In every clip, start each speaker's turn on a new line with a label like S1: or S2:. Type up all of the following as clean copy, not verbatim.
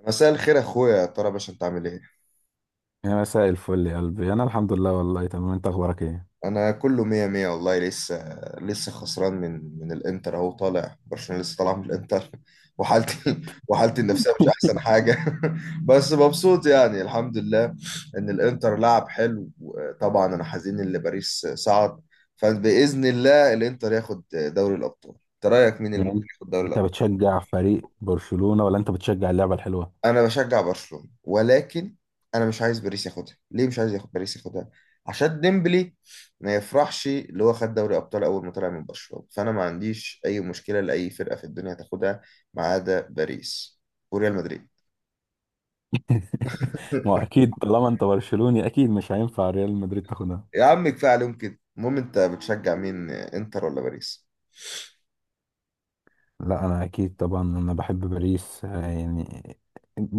S1: مساء الخير يا اخويا، يا ترى باشا انت عامل ايه؟
S2: يا مساء الفل يا قلبي، انا الحمد لله والله تمام. انت اخبارك ايه؟
S1: انا كله مية مية والله، لسه لسه خسران من الانتر. اهو طالع برشلونة لسه طالع من الانتر وحالتي وحالتي النفسية مش احسن حاجة. بس مبسوط يعني، الحمد لله ان الانتر لعب حلو. طبعا انا حزين ان باريس صعد، فباذن الله الانتر ياخد دوري الابطال. انت رايك مين اللي ممكن
S2: يعني
S1: ياخد دوري
S2: انت
S1: الابطال؟
S2: بتشجع فريق برشلونة ولا انت بتشجع اللعبة الحلوة؟
S1: انا بشجع برشلونة، ولكن انا مش عايز باريس ياخدها. ليه مش عايز ياخد باريس ياخدها؟ عشان ديمبلي ما يفرحش، اللي هو خد دوري ابطال اول ما طلع من برشلونة. فانا ما عنديش اي مشكلة لاي فرقة في الدنيا تاخدها، ما عدا باريس وريال مدريد.
S2: ما هو اكيد طالما انت برشلوني، اكيد مش هينفع ريال مدريد تاخدها.
S1: يا عم كفاية عليهم كده. المهم انت بتشجع مين، انتر ولا باريس؟
S2: لا انا اكيد طبعا انا بحب باريس، آه، يعني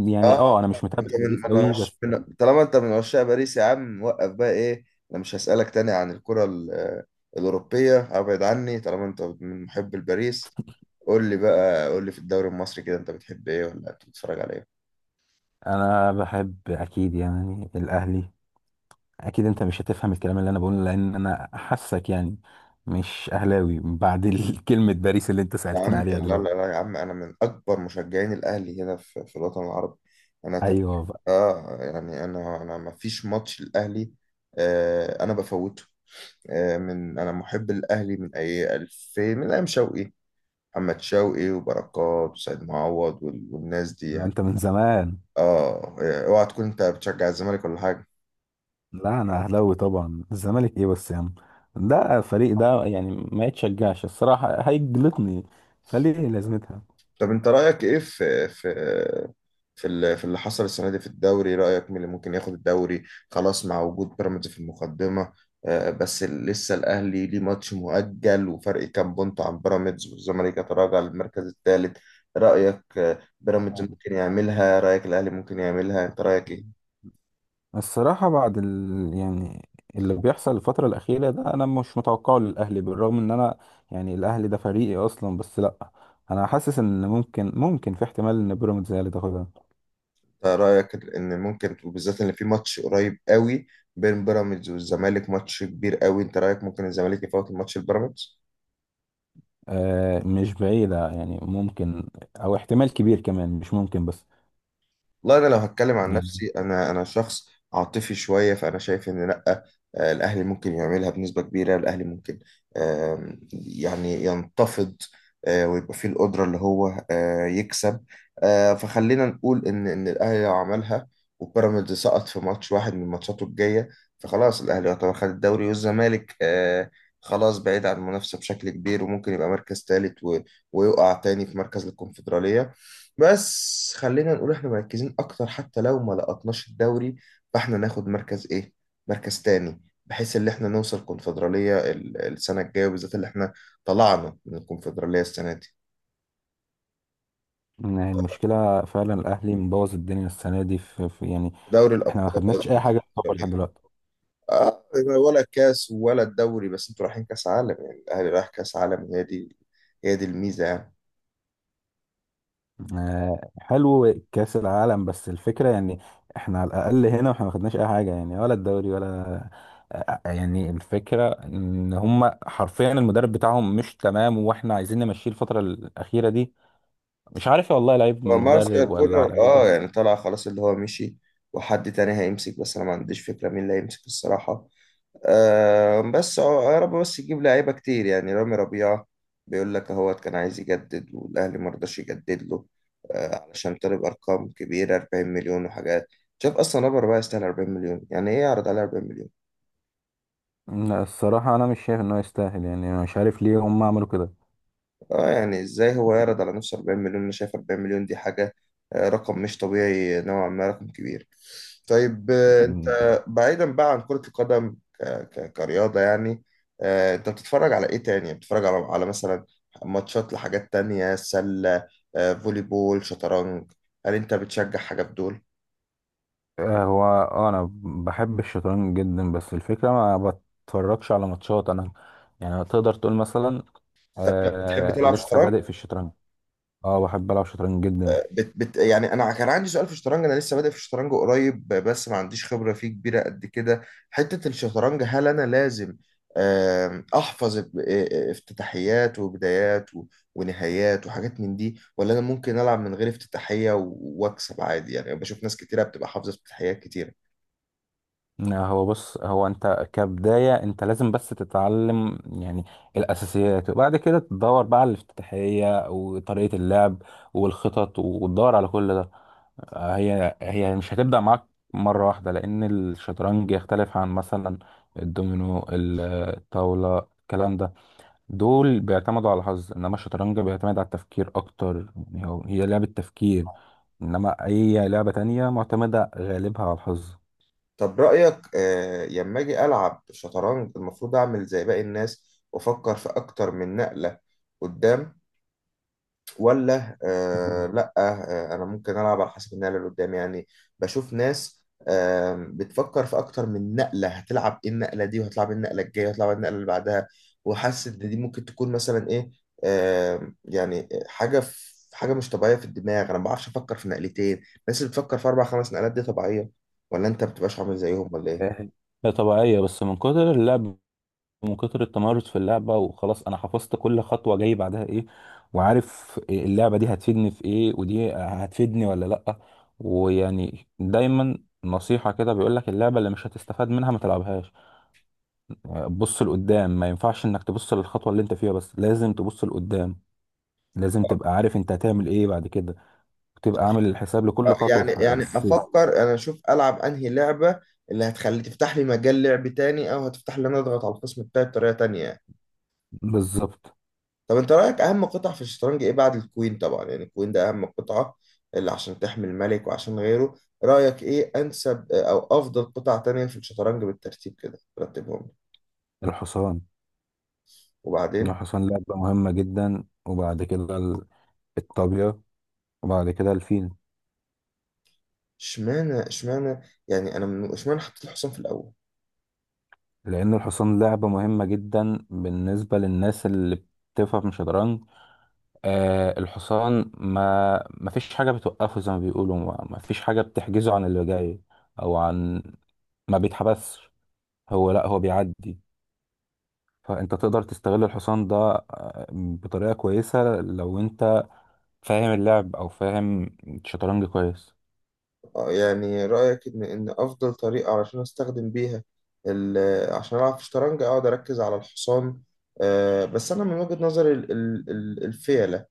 S2: يعني
S1: اه،
S2: اه انا مش
S1: انت
S2: متابع باريس
S1: من من
S2: قوي
S1: عش...
S2: بس.
S1: من... طالما انت من عشاق باريس يا عم، وقف بقى ايه. انا مش هسألك تاني عن الكرة الأوروبية. ابعد عني طالما انت من محب الباريس. قول لي بقى، قول لي في الدوري المصري كده، انت بتحب ايه ولا بتتفرج على ايه؟
S2: انا بحب اكيد يعني الاهلي. اكيد انت مش هتفهم الكلام اللي انا بقوله، لان انا حاسك يعني مش اهلاوي بعد كلمة باريس اللي انت
S1: يا
S2: سألتني
S1: عم
S2: عليها
S1: لا، لا،
S2: دلوقتي.
S1: لا يا عم، انا من اكبر مشجعين الاهلي هنا في الوطن العربي. انا ت...
S2: ايوه.
S1: اه يعني، انا ما فيش ماتش الاهلي آه انا بفوته. آه، انا محب الاهلي من اي 2000، من ايام شوقي، محمد شوقي وبركات وسيد معوض والناس دي
S2: لا
S1: يعني.
S2: انت من زمان.
S1: اوعى تكون انت بتشجع الزمالك ولا حاجه؟
S2: لا انا اهلاوي طبعا، الزمالك ايه بس يا عم؟ ده فريق ده يعني ما يتشجعش، الصراحه هيجلطني. فليه لازمتها؟
S1: طب انت رايك ايه في اللي حصل السنه دي في الدوري؟ رايك مين اللي ممكن ياخد الدوري خلاص مع وجود بيراميدز في المقدمه؟ بس لسه الاهلي ليه ماتش مؤجل، وفرق كام بونت عن بيراميدز، والزمالك يتراجع للمركز الثالث. رايك بيراميدز ممكن يعملها؟ رايك الاهلي ممكن يعملها؟ انت رايك ايه؟
S2: الصراحه بعد يعني اللي بيحصل الفتره الاخيره ده انا مش متوقعه للاهلي، بالرغم ان انا يعني الاهلي ده فريقي اصلا، بس لا، انا حاسس ان ممكن في احتمال ان بيراميدز هي اللي تاخدها.
S1: انت رايك ان ممكن، وبالذات ان في ماتش قريب قوي بين بيراميدز والزمالك، ماتش كبير قوي، انت رايك ممكن الزمالك يفوت الماتش البيراميدز؟
S2: مش بعيده يعني، ممكن او احتمال كبير كمان، مش ممكن بس.
S1: والله انا لو هتكلم عن نفسي، انا شخص عاطفي شويه، فانا شايف ان لا، الاهلي ممكن يعملها بنسبه كبيره. الاهلي ممكن، يعني ينتفض ويبقى فيه القدره اللي هو يكسب. فخلينا نقول ان الاهلي لو عملها وبيراميدز سقط في ماتش واحد من ماتشاته الجايه، فخلاص الاهلي يعتبر خد الدوري، والزمالك خلاص بعيد عن المنافسه بشكل كبير، وممكن يبقى مركز ثالث ويقع تاني في مركز الكونفدراليه. بس خلينا نقول احنا مركزين اكتر، حتى لو ما لقطناش الدوري فاحنا ناخد مركز ايه، مركز تاني، بحيث ان احنا نوصل كونفدرالية السنة الجاية، وبالذات اللي احنا طلعنا من الكونفدرالية السنة دي.
S2: يعني المشكلة فعلا الأهلي مبوظ الدنيا السنة دي في يعني
S1: دوري
S2: احنا ما
S1: الابطال
S2: خدناش
S1: قصدي،
S2: أي
S1: مش
S2: حاجة في الكورة لحد
S1: الكونفدرالية.
S2: دلوقتي.
S1: اه، ولا الكاس ولا الدوري. بس انتوا رايحين كاس عالم يعني، الاهلي رايح كاس عالم، هي دي هي دي الميزة يعني.
S2: حلو كأس العالم، بس الفكرة يعني احنا على الأقل هنا واحنا ما خدناش أي حاجة، يعني ولا الدوري ولا. يعني الفكرة إن هما حرفيا المدرب بتاعهم مش تمام، واحنا عايزين نمشيه الفترة الأخيرة دي. مش عارف والله، لعيب من
S1: مارسيال
S2: المدرب ولا
S1: كولر
S2: لعيب.
S1: اه يعني طلع خلاص، اللي هو مشي، وحد تاني هيمسك، بس انا ما عنديش فكرة مين اللي هيمسك الصراحة. يا رب بس يجيب لعيبه كتير. يعني رامي ربيعه بيقول لك اهوت كان عايز يجدد والاهلي ما رضاش يجدد له، علشان طلب ارقام كبيره، 40 مليون وحاجات. شايف اصلا رامي ربيعه يستاهل 40 مليون؟ يعني ايه يعرض عليه 40 مليون؟
S2: لا الصراحة أنا مش شايف إنه يستاهل، يعني أنا مش عارف ليه هما عملوا
S1: اه يعني ازاي هو يعرض على نفسه 40 مليون؟ انا شايف 40 مليون دي حاجة رقم مش طبيعي، نوعا ما رقم كبير. طيب انت
S2: كده.
S1: بعيدا بقى عن كرة القدم، كرياضة يعني، انت بتتفرج على ايه تاني؟ بتتفرج على مثلا ماتشات لحاجات تانية، سلة، فولي بول، شطرنج؟ هل انت بتشجع حاجة بدول؟
S2: هو انا بحب الشطرنج جدا، بس الفكره ما بتفرجش على ماتشات انا، يعني تقدر تقول مثلا
S1: طب طب بتحب تلعب
S2: لسه
S1: شطرنج؟
S2: بادئ في الشطرنج. اه بحب العب شطرنج جدا.
S1: بت بت يعني انا كان عندي سؤال في الشطرنج. انا لسه بادئ في الشطرنج قريب، بس ما عنديش خبره فيه كبيره قد كده. حته الشطرنج، هل انا لازم احفظ افتتاحيات وبدايات و- ونهايات وحاجات من دي، ولا انا ممكن العب من غير افتتاحيه و- واكسب عادي؟ يعني بشوف ناس كتيره بتبقى حافظه افتتاحيات كتيره.
S2: هو بص، هو انت كبدايه انت لازم بس تتعلم يعني الاساسيات، وبعد كده تدور بقى على الافتتاحيه وطريقه اللعب والخطط، وتدور على كل ده. هي مش هتبدأ معاك مرة واحدة، لأن الشطرنج يختلف عن مثلا الدومينو، الطاولة، الكلام ده دول بيعتمدوا على الحظ، إنما الشطرنج بيعتمد على التفكير أكتر. يعني هي لعبة تفكير، إنما أي لعبة تانية معتمدة غالبها على الحظ.
S1: طب رايك، لما اجي العب شطرنج المفروض اعمل زي باقي الناس وافكر في اكتر من نقله قدام، ولا
S2: مم.
S1: لا، انا ممكن العب على حسب النقله اللي قدامي يعني؟ بشوف ناس بتفكر في اكتر من نقله، هتلعب ايه النقله دي، وهتلعب إيه النقله الجايه، وهتلعب إيه النقله اللي بعدها، وحاسس ان دي ممكن تكون مثلا ايه، يعني حاجه في حاجه مش طبيعيه في الدماغ. انا ما بعرفش افكر في نقلتين، الناس اللي بتفكر في اربع خمس نقلات دي طبيعيه، ولا انت ما بتبقاش عامل زيهم ولا ايه؟
S2: هي طبيعية بس من كتر اللعب، من كتر التمرس في اللعبة، وخلاص أنا حفظت كل خطوة جاي بعدها إيه، وعارف إيه اللعبة دي هتفيدني في إيه ودي هتفيدني ولا لأ. ويعني دايما نصيحة كده بيقولك اللعبة اللي مش هتستفاد منها ما تلعبهاش. بص لقدام، ما ينفعش إنك تبص للخطوة اللي أنت فيها بس، لازم تبص لقدام، لازم تبقى عارف أنت هتعمل إيه بعد كده، وتبقى عامل الحساب لكل خطوة
S1: يعني
S2: في, ح-
S1: يعني
S2: في
S1: افكر انا، اشوف العب انهي لعبه اللي هتخلي تفتح لي مجال لعب تاني، او هتفتح لي انا اضغط على الخصم بتاعي بطريقه تانية يعني.
S2: بالظبط.
S1: طب انت رايك اهم قطع في الشطرنج ايه بعد الكوين طبعا، يعني الكوين ده اهم قطعه، اللي عشان تحمي الملك وعشان غيره؟ رايك ايه انسب او افضل قطع تانية في الشطرنج؟ بالترتيب كده رتبهم لي.
S2: الحصان.
S1: وبعدين؟
S2: الحصان لعبة مهمة جدا، وبعد كده الطابية، وبعد كده الفيل.
S1: اشمعنى، يعني انا اشمعنى حطيت الحصان في الاول؟
S2: لأن الحصان لعبة مهمة جدا بالنسبة للناس اللي بتفهم شطرنج. الحصان ما فيش حاجة بتوقفه، زي ما بيقولوا ما فيش حاجة بتحجزه عن اللي جاي، أو عن، ما بيتحبسش، هو لا هو بيعدي. فأنت تقدر تستغل الحصان ده بطريقة كويسة لو أنت فاهم اللعب أو فاهم الشطرنج كويس.
S1: يعني رأيك إن أفضل طريقة علشان أستخدم بيها عشان ألعب في شطرنج أقعد أركز على الحصان؟ بس أنا من وجهة نظري الفيلة،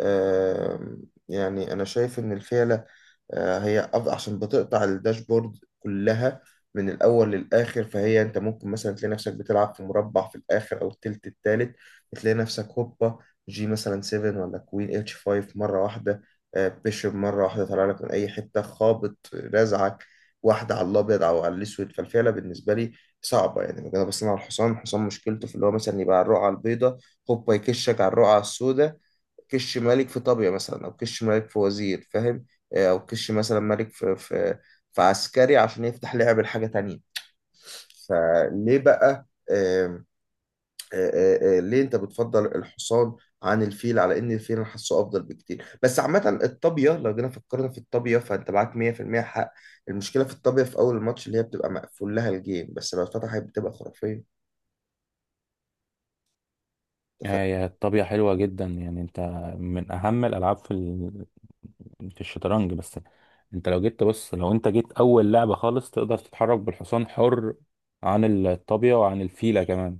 S1: آه، يعني أنا شايف إن الفيلة، هي عشان بتقطع الداشبورد كلها من الأول للآخر، فهي أنت ممكن مثلا تلاقي نفسك بتلعب في مربع في الآخر أو التلت التالت، بتلاقي نفسك هوبا جي مثلا 7 ولا كوين اتش 5 مرة واحدة. بيشوب مرة واحدة طالع لك من أي حتة خابط رازعك واحدة على الأبيض أو على الأسود. فالفعلة بالنسبة لي صعبة، يعني أنا بصنع على الحصان. الحصان مشكلته في اللي هو مثلا يبقى على الرقعة البيضاء هوبا يكشك على الرقعة السوداء، كش ملك في طابية مثلا، أو كش ملك في وزير، فاهم؟ أو كش مثلا ملك في عسكري عشان يفتح لعب لحاجة تانية. فليه بقى، آم، آه، آه، آه، ليه أنت بتفضل الحصان عن الفيل، على إن الفيل أنا حاسه أفضل بكتير؟ بس عامة الطابية، لو جينا فكرنا في الطابية فأنت معاك 100% حق. المشكلة في الطابية في أول الماتش اللي هي بتبقى مقفول لها الجيم، بس لو اتفتحت بتبقى خرافية. أنت
S2: يعني هي الطابية حلوة جدا، يعني انت من اهم الالعاب في الشطرنج. بس انت لو جيت تبص، لو انت جيت اول لعبة خالص تقدر تتحرك بالحصان حر عن الطابية وعن الفيلة كمان.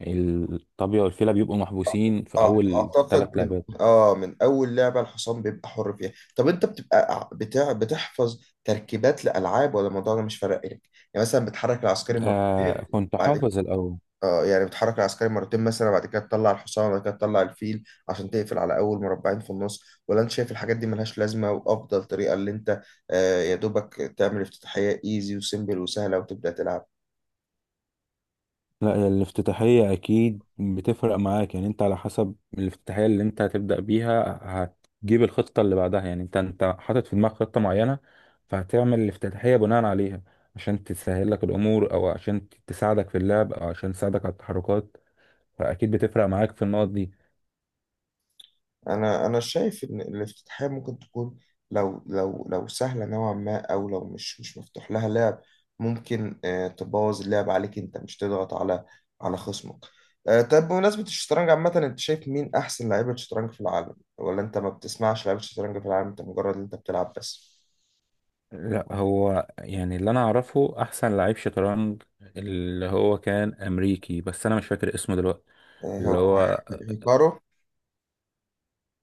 S2: الطابية والفيلة بيبقوا محبوسين في
S1: اه
S2: اول
S1: اعتقد
S2: ثلاث
S1: من
S2: لعبات.
S1: اه من اول لعبه الحصان بيبقى حر فيها. طب انت بتبقى بتاع بتحفظ تركيبات لالعاب، ولا الموضوع ده مش فارق لك يعني؟ مثلا بتحرك العسكري مرتين،
S2: كنت
S1: بعد
S2: حافظ الاول.
S1: اه يعني بتحرك العسكري مرتين مثلا، بعد كده تطلع الحصان، بعد كده تطلع الفيل عشان تقفل على اول مربعين في النص؟ ولا انت شايف الحاجات دي ملهاش لازمه، وافضل طريقه اللي انت يا دوبك تعمل افتتاحيه ايزي وسيمبل وسهله وتبدا تلعب؟
S2: لا هي الافتتاحية أكيد بتفرق معاك، يعني أنت على حسب الافتتاحية اللي أنت هتبدأ بيها هتجيب الخطة اللي بعدها. يعني أنت حاطط في دماغك خطة معينة، فهتعمل الافتتاحية بناء عليها عشان تسهل لك الأمور، أو عشان تساعدك في اللعب، أو عشان تساعدك على التحركات. فأكيد بتفرق معاك في النقط دي.
S1: انا شايف ان الافتتاحيه ممكن تكون، لو لو سهله نوعا ما، او لو مش مفتوح لها لعب، ممكن تبوظ اللعب عليك، انت مش تضغط على خصمك. طب بمناسبه الشطرنج عامه، انت شايف مين احسن لعيبه شطرنج في العالم؟ ولا انت ما بتسمعش لعيبه شطرنج في العالم، انت مجرد انت بتلعب بس؟
S2: لا هو يعني اللي أنا أعرفه أحسن لعيب شطرنج اللي هو كان أمريكي، بس أنا مش فاكر اسمه دلوقتي،
S1: آه،
S2: اللي
S1: هو-
S2: هو،
S1: هيكارو؟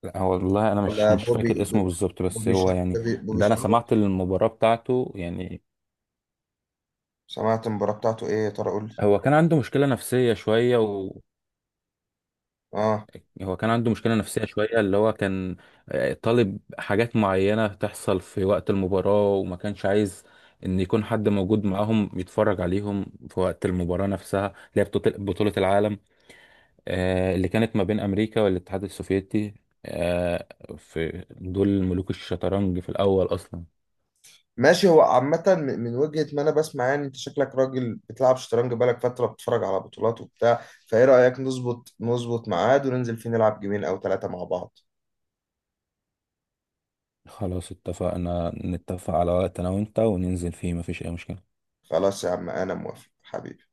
S2: لا هو والله انا مش
S1: ولا
S2: مش
S1: بوبي
S2: فاكر اسمه بالظبط، بس
S1: بوبي
S2: هو
S1: شارك،
S2: يعني
S1: بوبي بوبي
S2: ده انا
S1: شارك.
S2: سمعت المباراة بتاعته يعني.
S1: سمعت المباراه بتاعته؟ ايه يا ترى، قول لي.
S2: هو كان عنده مشكلة نفسية شوية، و
S1: اه،
S2: هو كان عنده مشكلة نفسية شوية اللي هو كان طالب حاجات معينة تحصل في وقت المباراة، وما كانش عايز ان يكون حد موجود معاهم يتفرج عليهم في وقت المباراة نفسها، اللي هي بطولة العالم، اللي كانت ما بين امريكا والاتحاد السوفيتي. آه، في دول ملوك الشطرنج في الاول اصلا.
S1: ماشي. هو عامة، من وجهة ما أنا بسمع يعني، أنت شكلك راجل بتلعب شطرنج بقالك فترة، بتتفرج على بطولات وبتاع. فإيه رأيك نظبط ميعاد وننزل فيه نلعب جيمين أو 3 مع بعض؟
S2: خلاص اتفقنا، نتفق على وقت انا وانت وننزل فيه، مفيش اي مشكلة.
S1: خلاص يا عم أنا موافق حبيبي.